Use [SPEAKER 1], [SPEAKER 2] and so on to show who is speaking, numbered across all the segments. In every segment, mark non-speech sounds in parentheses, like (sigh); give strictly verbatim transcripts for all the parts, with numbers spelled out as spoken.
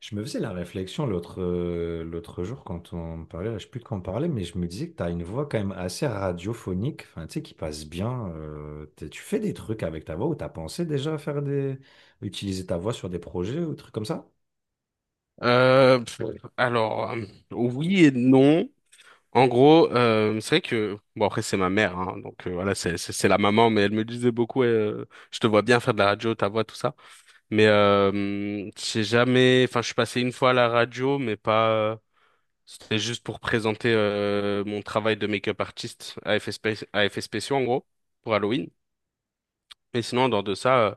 [SPEAKER 1] Je me faisais la réflexion l'autre euh, l'autre jour quand on parlait, là, je sais plus de quoi on parlait, mais je me disais que tu as une voix quand même assez radiophonique, enfin, tu sais, qui passe bien. Euh, t'es- tu fais des trucs avec ta voix ou tu as pensé déjà à faire des... utiliser ta voix sur des projets ou des trucs comme ça?
[SPEAKER 2] Euh, pff, alors, euh, oui et non. En gros, euh, c'est vrai que, bon après c'est ma mère, hein, donc euh, voilà, c'est c'est c'est la maman, mais elle me disait beaucoup, ouais, euh, je te vois bien faire de la radio, ta voix, tout ça. Mais euh, j'ai jamais, enfin je suis passé une fois à la radio, mais pas, c'était juste pour présenter euh, mon travail de make-up artiste à effets spé- à effets spéciaux en gros, pour Halloween. Mais sinon, en dehors de ça, euh,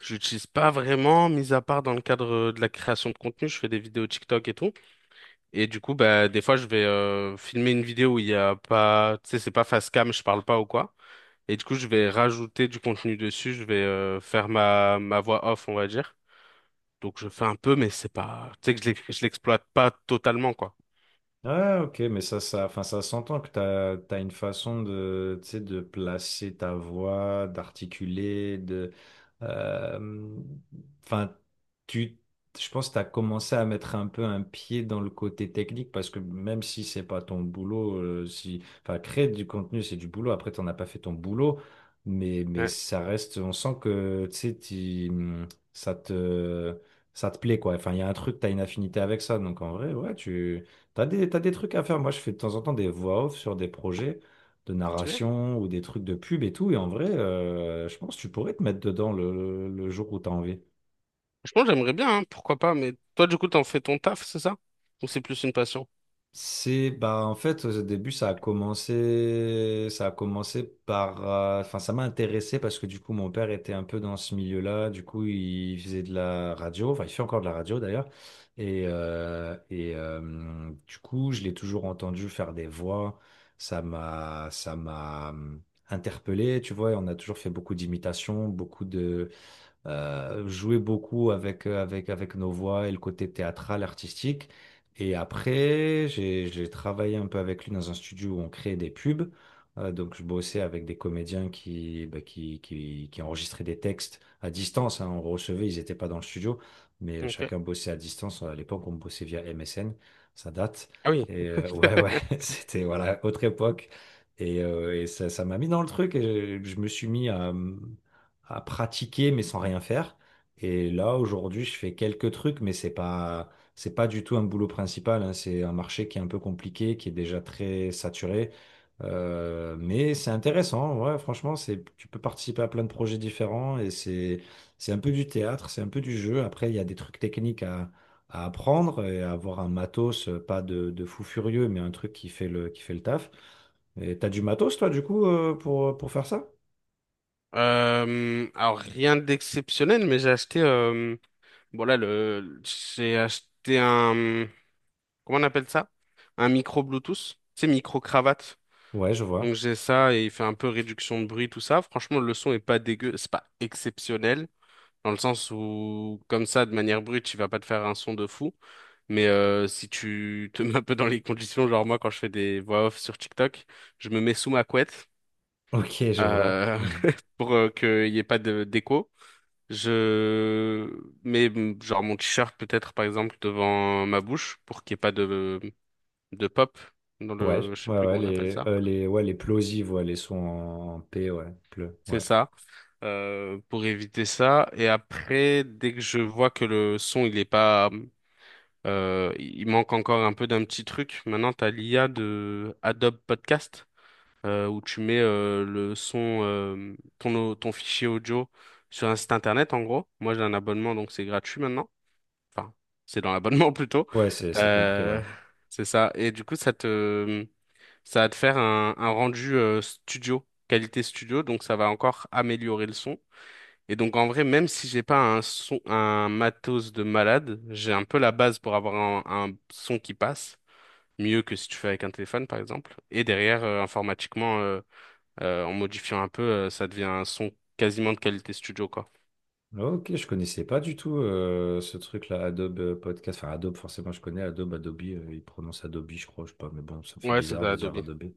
[SPEAKER 2] je l'utilise pas vraiment, mis à part dans le cadre de la création de contenu, je fais des vidéos TikTok et tout. Et du coup, bah, des fois, je vais euh, filmer une vidéo où il y a pas, tu sais, c'est pas face cam, je parle pas ou quoi. Et du coup, je vais rajouter du contenu dessus, je vais euh, faire ma, ma voix off, on va dire. Donc, je fais un peu, mais c'est pas, tu sais, que je l'ex- je l'exploite pas totalement, quoi.
[SPEAKER 1] Ah, ok, mais ça, ça, enfin, ça s'entend que t'as, t'as une façon de, tu sais, de placer ta voix, d'articuler, de, euh, enfin, tu, je pense que t'as commencé à mettre un peu un pied dans le côté technique parce que même si c'est pas ton boulot, euh, si, enfin, créer du contenu, c'est du boulot. Après, t'en as pas fait ton boulot, mais, mais
[SPEAKER 2] Ouais.
[SPEAKER 1] ça reste, on sent que, tu sais, t'y- hum, ça te, ça te plaît, quoi. Enfin, il y a un truc, t'as une affinité avec ça, donc en vrai, ouais, tu T'as des, t'as des trucs à faire. Moi, je fais de temps en temps des voix off sur des projets de
[SPEAKER 2] Stylé.
[SPEAKER 1] narration ou des trucs de pub et tout. Et en vrai, euh, je pense que tu pourrais te mettre dedans le, le jour où t'as envie.
[SPEAKER 2] Franchement, j'aimerais bien, hein, pourquoi pas. Mais toi, du coup, t'en fais ton taf, c'est ça? Ou c'est plus une passion?
[SPEAKER 1] C'est bah en fait au début ça a commencé ça a commencé par euh, enfin ça m'a intéressé parce que du coup mon père était un peu dans ce milieu-là, du coup il faisait de la radio, enfin il fait encore de la radio d'ailleurs. Et euh, et euh, du coup je l'ai toujours entendu faire des voix. Ça m'a ça m'a euh, interpellé, tu vois, et on a toujours fait beaucoup d'imitations, beaucoup de euh, jouer beaucoup avec, euh, avec, avec nos voix et le côté théâtral, artistique. Et après, j'ai, j'ai travaillé un peu avec lui dans un studio où on créait des pubs. Euh, donc, je bossais avec des comédiens qui, bah, qui, qui, qui enregistraient des textes à distance, hein. On recevait, ils n'étaient pas dans le studio, mais euh,
[SPEAKER 2] Ok.
[SPEAKER 1] chacun bossait à distance. À l'époque, on bossait via M S N, ça date.
[SPEAKER 2] Ah oui.
[SPEAKER 1] Et euh, ouais, ouais,
[SPEAKER 2] (laughs)
[SPEAKER 1] (laughs) c'était voilà, autre époque. Et, euh, et ça, ça m'a mis dans le truc et je, je me suis mis à, à pratiquer mais sans rien faire. Et là, aujourd'hui, je fais quelques trucs, mais c'est pas, c'est pas du tout un boulot principal, hein. C'est un marché qui est un peu compliqué, qui est déjà très saturé. Euh, mais c'est intéressant. Ouais, franchement, c'est, tu peux participer à plein de projets différents et c'est, c'est un peu du théâtre, c'est un peu du jeu. Après, il y a des trucs techniques à, à apprendre et à avoir un matos, euh, pas de, de fou furieux, mais un truc qui fait le, qui fait le taf. Et t'as du matos, toi, du coup, euh, pour, pour faire ça?
[SPEAKER 2] Euh, alors rien d'exceptionnel, mais j'ai acheté. euh, bon là, le, j'ai acheté un. Comment on appelle ça? Un micro Bluetooth, c'est micro cravate.
[SPEAKER 1] Ouais, je
[SPEAKER 2] Donc
[SPEAKER 1] vois.
[SPEAKER 2] j'ai ça et il fait un peu réduction de bruit, tout ça. Franchement, le son est pas dégueu, c'est pas exceptionnel, dans le sens où, comme ça, de manière brute, il va pas te faire un son de fou. Mais euh, si tu (laughs) te mets un peu dans les conditions, genre moi, quand je fais des voix off sur TikTok, je me mets sous ma couette
[SPEAKER 1] Ok, je vois.
[SPEAKER 2] euh,
[SPEAKER 1] Hmm.
[SPEAKER 2] (laughs) pour euh, qu'il n'y ait pas de d'écho. Je mets mm, genre mon t-shirt peut-être, par exemple, devant ma bouche pour qu'il n'y ait pas de de pop dans
[SPEAKER 1] Ouais, je-
[SPEAKER 2] le, je sais
[SPEAKER 1] ouais,
[SPEAKER 2] plus
[SPEAKER 1] ouais,
[SPEAKER 2] comment on appelle
[SPEAKER 1] les,
[SPEAKER 2] ça.
[SPEAKER 1] euh, les, ouais, les plosives, ouais, les sons en P, ouais, pleu,
[SPEAKER 2] C'est
[SPEAKER 1] ouais.
[SPEAKER 2] ça. euh, pour éviter ça. Et après dès que je vois que le son il est pas euh, il manque encore un peu d'un petit truc, maintenant t'as l'I A de Adobe Podcast, euh, où tu mets euh, le son, euh, ton au- ton fichier audio sur un site internet. En gros moi j'ai un abonnement donc c'est gratuit maintenant, enfin c'est dans l'abonnement (laughs) plutôt.
[SPEAKER 1] Ouais, c'est, c'est compris, ouais.
[SPEAKER 2] euh, c'est ça et du coup ça te... Ça va te faire un, un rendu euh, studio, qualité studio, donc ça va encore améliorer le son. Et donc en vrai, même si j'ai pas un son, un matos de malade, j'ai un peu la base pour avoir un, un son qui passe, mieux que si tu fais avec un téléphone par exemple. Et derrière, euh, informatiquement, euh, euh, en modifiant un peu, euh, ça devient un son quasiment de qualité studio, quoi.
[SPEAKER 1] Ok, je connaissais pas du tout euh, ce truc-là, Adobe euh, Podcast. Enfin, Adobe, forcément, je connais Adobe, Adobe, euh, ils prononcent Adobe, je crois, je sais pas, mais bon, ça me fait
[SPEAKER 2] Ouais, c'est
[SPEAKER 1] bizarre
[SPEAKER 2] ça,
[SPEAKER 1] de dire
[SPEAKER 2] Adobe.
[SPEAKER 1] Adobe.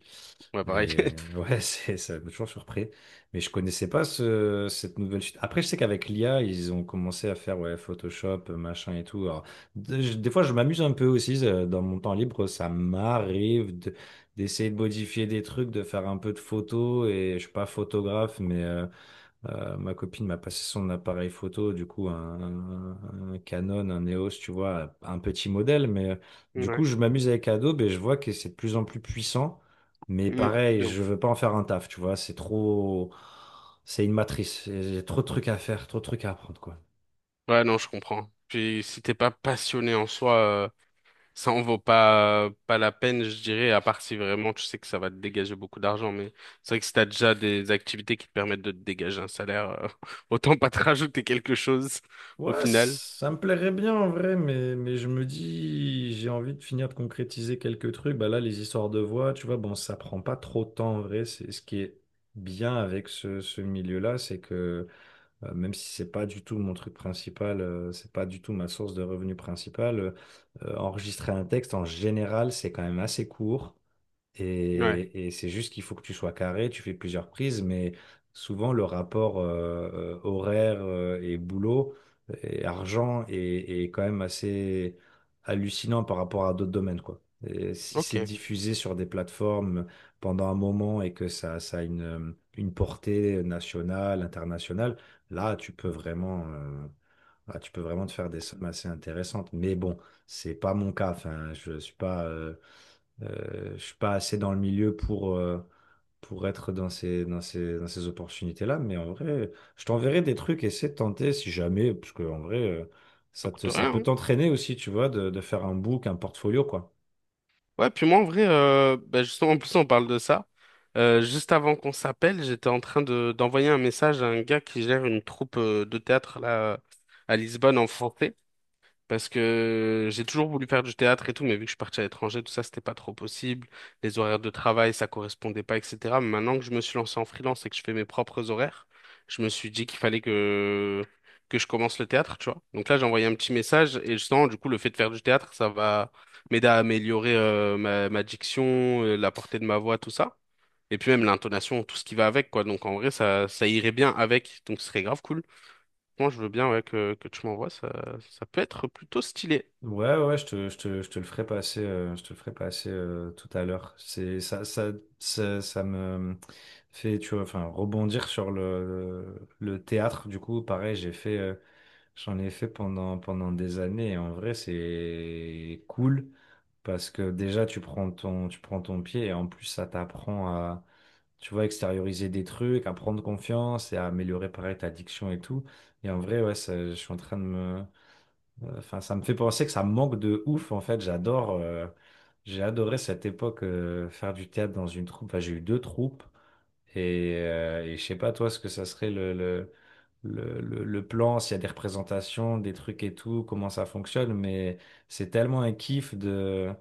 [SPEAKER 2] Ouais, pareil.
[SPEAKER 1] Mais
[SPEAKER 2] (laughs)
[SPEAKER 1] ouais, (laughs) c'est, ça m'a toujours surpris. Mais je connaissais pas ce, cette nouvelle suite. Après, je sais qu'avec l'I A, ils ont commencé à faire ouais, Photoshop, euh, machin et tout. Alors, de- je- des fois, je m'amuse un peu aussi euh, dans mon temps libre. Ça m'arrive de- d'essayer de modifier des trucs, de faire un peu de photos. Et je suis pas photographe, mais euh, euh, ma copine m'a passé son appareil photo, du coup un, un Canon, un E O S, tu vois, un petit modèle, mais euh, du coup
[SPEAKER 2] Ouais.
[SPEAKER 1] je m'amuse avec Adobe et je vois que c'est de plus en plus puissant, mais
[SPEAKER 2] Mm,
[SPEAKER 1] pareil,
[SPEAKER 2] de
[SPEAKER 1] je
[SPEAKER 2] ouf.
[SPEAKER 1] veux pas en faire un taf, tu vois, c'est trop, c'est une matrice, j'ai trop de trucs à faire, trop de trucs à apprendre, quoi.
[SPEAKER 2] Ouais, non, je comprends. Puis si t'es pas passionné en soi, euh, ça en vaut pas, pas la peine, je dirais, à part si vraiment tu sais que ça va te dégager beaucoup d'argent. Mais c'est vrai que si t'as déjà des activités qui te permettent de te dégager un salaire, euh, (laughs) autant pas te rajouter quelque chose au
[SPEAKER 1] Ouais,
[SPEAKER 2] final.
[SPEAKER 1] ça me plairait bien en vrai, mais, mais je me dis, j'ai envie de finir de concrétiser quelques trucs. Bah là, les histoires de voix, tu vois, bon, ça prend pas trop de temps en vrai. C'est ce qui est bien avec ce, ce milieu-là, c'est que euh, même si c'est pas du tout mon truc principal, euh, c'est pas du tout ma source de revenus principale, euh, euh, enregistrer un texte en général, c'est quand même assez court.
[SPEAKER 2] Ouais,
[SPEAKER 1] Et, et c'est juste qu'il faut que tu sois carré, tu fais plusieurs prises, mais souvent le rapport euh, euh, horaire euh, et boulot et argent est, est quand même assez hallucinant par rapport à d'autres domaines, quoi. Et si c'est
[SPEAKER 2] ok.
[SPEAKER 1] diffusé sur des plateformes pendant un moment et que ça, ça a une, euh, une portée nationale, internationale, là, tu peux vraiment, euh, là, tu peux vraiment te faire des sommes assez intéressantes. Mais bon, c'est pas mon cas. Enfin, je suis pas. euh, euh, je suis pas assez dans le milieu pour, euh, pour être dans ces, dans ces, dans ces opportunités-là, mais en vrai, je t'enverrai des trucs, essaie de tenter si jamais, parce que en vrai, euh,
[SPEAKER 2] Ça
[SPEAKER 1] ça te,
[SPEAKER 2] coûte
[SPEAKER 1] ça
[SPEAKER 2] rien,
[SPEAKER 1] peut
[SPEAKER 2] hein.
[SPEAKER 1] t'entraîner aussi, tu vois, de, de faire un book, un portfolio, quoi.
[SPEAKER 2] Ouais, puis moi, en vrai, euh, bah, justement, en plus, on parle de ça. Euh, juste avant qu'on s'appelle, j'étais en train de, d'envoyer un message à un gars qui gère une troupe, euh, de théâtre, là, à Lisbonne, en France. Parce que j'ai toujours voulu faire du théâtre et tout, mais vu que je suis parti à l'étranger, tout ça, c'était pas trop possible. Les horaires de travail, ça correspondait pas, et cætera. Mais maintenant que je me suis lancé en freelance et que je fais mes propres horaires, je me suis dit qu'il fallait que, que je commence le théâtre, tu vois. Donc là, j'ai envoyé un petit message et justement, du coup, le fait de faire du théâtre, ça va m'aider à améliorer euh, ma, ma diction, euh, la portée de ma voix, tout ça. Et puis même l'intonation, tout ce qui va avec, quoi. Donc en vrai, ça, ça irait bien avec. Donc ce serait grave cool. Moi, je veux bien ouais, que, que tu m'envoies. Ça, ça peut être plutôt stylé.
[SPEAKER 1] Ouais, ouais, je te, je te, je te le ferai passer, euh, je te le ferai passer euh, tout à l'heure. C'est ça, ça, ça, ça me fait, tu vois, enfin, rebondir sur le, le théâtre. Du coup, pareil, j'ai fait, euh, j'en ai fait pendant, pendant des années et en vrai, c'est cool parce que déjà, tu prends ton, tu prends ton pied et en plus, ça t'apprend à, tu vois, extérioriser des trucs, à prendre confiance et à améliorer pareil ta diction et tout. Et en vrai, ouais, ça- je suis en train de me, enfin, ça me fait penser que ça me manque de ouf. En fait, j'adore, euh, j'ai adoré cette époque, euh, faire du théâtre dans une troupe. Enfin, j'ai eu deux troupes. Et, euh, et je sais pas toi ce que ça serait le, le- le, le- le plan, s'il y a des représentations, des trucs et tout, comment ça fonctionne, mais c'est tellement un kiff de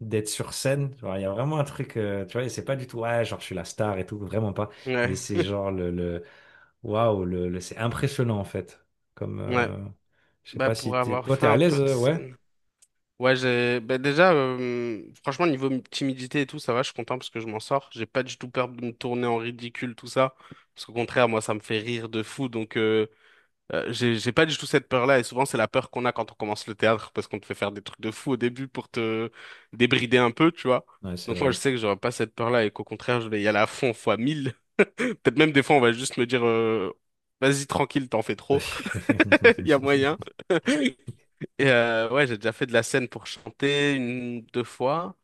[SPEAKER 1] d'être sur scène. Genre, il y a vraiment un truc, euh, tu vois, et c'est pas du tout, ouais, genre je suis la star et tout, vraiment pas. Mais
[SPEAKER 2] Ouais,
[SPEAKER 1] c'est
[SPEAKER 2] (laughs)
[SPEAKER 1] genre le, le waouh, le, le- c'est impressionnant en fait. Comme,
[SPEAKER 2] ouais,
[SPEAKER 1] euh, je sais
[SPEAKER 2] bah
[SPEAKER 1] pas
[SPEAKER 2] pour
[SPEAKER 1] si t'es,
[SPEAKER 2] avoir
[SPEAKER 1] toi t'es
[SPEAKER 2] fait
[SPEAKER 1] à
[SPEAKER 2] un peu
[SPEAKER 1] l'aise,
[SPEAKER 2] de
[SPEAKER 1] euh, ouais?
[SPEAKER 2] scène. Ouais, j'ai bah déjà euh, franchement niveau m- timidité et tout, ça va, je suis content parce que je m'en sors, j'ai pas du tout peur de me tourner en ridicule tout ça parce qu'au contraire, moi ça me fait rire de fou donc euh, euh, j'ai j'ai pas du tout cette peur-là et souvent c'est la peur qu'on a quand on commence le théâtre parce qu'on te fait faire des trucs de fou au début pour te débrider un peu, tu vois.
[SPEAKER 1] Ouais, c'est
[SPEAKER 2] Donc moi je
[SPEAKER 1] vrai.
[SPEAKER 2] sais que j'aurais pas cette peur-là et qu'au contraire, je vais y aller à fond fois mille. (laughs) Peut-être même des fois on va juste me dire euh, vas-y tranquille, t'en fais trop. (laughs) Il y a moyen.
[SPEAKER 1] (laughs)
[SPEAKER 2] Et euh, ouais, j'ai déjà fait de la scène pour chanter une, deux fois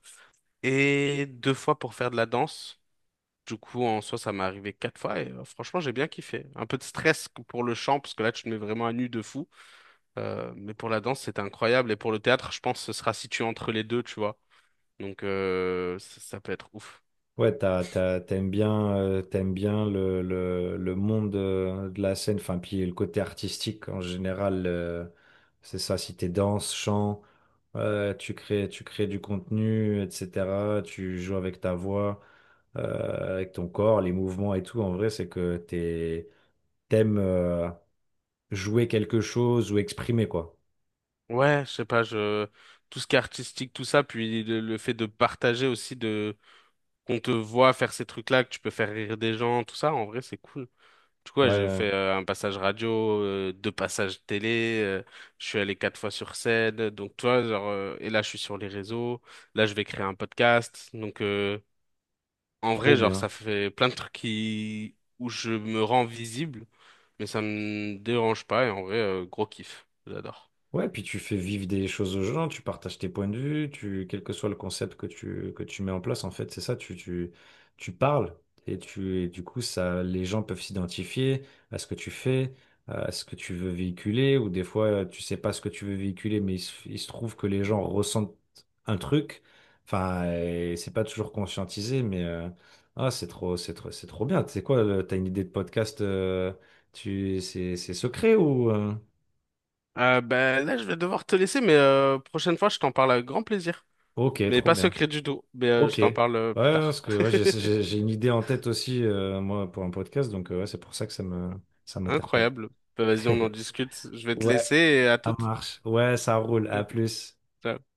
[SPEAKER 2] et deux fois pour faire de la danse. Du coup, en soi, ça m'est arrivé quatre fois et euh, franchement, j'ai bien kiffé. Un peu de stress que pour le chant parce que là, tu te mets vraiment à nu de fou. Euh, mais pour la danse, c'était incroyable. Et pour le théâtre, je pense que ce sera situé entre les deux, tu vois. Donc, euh, ça, ça peut être ouf.
[SPEAKER 1] Ouais, t'as, t'as- t'aimes bien, euh, t'aimes bien le, le, le monde euh, de la scène, enfin, puis le côté artistique en général, euh, c'est ça, si t'es danse, chant, euh, tu crées, tu crées du contenu, et cetera, tu joues avec ta voix, euh, avec ton corps, les mouvements et tout, en vrai, c'est que t'es, t'aimes euh, jouer quelque chose ou exprimer, quoi.
[SPEAKER 2] Ouais, je sais pas, je... tout ce qui est artistique, tout ça, puis le, le fait de partager aussi, de qu'on te voit faire ces trucs-là, que tu peux faire rire des gens, tout ça, en vrai, c'est cool. Du coup, ouais, j'ai
[SPEAKER 1] Ouais,
[SPEAKER 2] fait euh, un passage radio, euh, deux passages télé, euh, je suis allé quatre fois sur scène, donc toi, genre, euh, et là je suis sur les réseaux, là je vais créer un podcast, donc euh, en vrai,
[SPEAKER 1] trop
[SPEAKER 2] genre, ça
[SPEAKER 1] bien.
[SPEAKER 2] fait plein de trucs qui... où je me rends visible, mais ça me dérange pas, et en vrai, euh, gros kiff, j'adore.
[SPEAKER 1] Ouais, puis tu fais vivre des choses aux gens, tu partages tes points de vue, tu, quel que soit le concept que tu, que tu mets en place, en fait, c'est ça, tu, tu, tu parles et tu, et du coup, ça, les gens peuvent s'identifier à ce que tu fais, à ce que tu veux véhiculer, ou des fois, euh, tu sais pas ce que tu veux véhiculer, mais il se, il se trouve que les gens ressentent un truc, enfin, et c'est pas toujours conscientisé, mais, euh, ah, c'est trop, c'est trop, c'est trop bien. Tu sais quoi, le- t'as une idée de podcast, euh, tu, c'est, c'est secret ou, euh,
[SPEAKER 2] Euh, ben là, je vais devoir te laisser, mais euh, prochaine fois, je t'en parle avec grand plaisir.
[SPEAKER 1] ok,
[SPEAKER 2] Mais
[SPEAKER 1] trop
[SPEAKER 2] pas
[SPEAKER 1] bien.
[SPEAKER 2] secret du tout, mais euh,
[SPEAKER 1] Ok.
[SPEAKER 2] je t'en
[SPEAKER 1] Ouais,
[SPEAKER 2] parle euh,
[SPEAKER 1] ouais,
[SPEAKER 2] plus tard.
[SPEAKER 1] parce que ouais,
[SPEAKER 2] (laughs)
[SPEAKER 1] j'ai j'ai- j'ai une idée en tête aussi, euh, moi, pour un podcast, donc euh, ouais, c'est pour ça que ça me ça m'interpelle.
[SPEAKER 2] Incroyable. Ben, vas-y, on en
[SPEAKER 1] (laughs)
[SPEAKER 2] discute. Je vais te
[SPEAKER 1] Ouais,
[SPEAKER 2] laisser et à
[SPEAKER 1] ça
[SPEAKER 2] toutes.
[SPEAKER 1] marche. Ouais, ça roule. À plus.
[SPEAKER 2] (laughs) Ciao.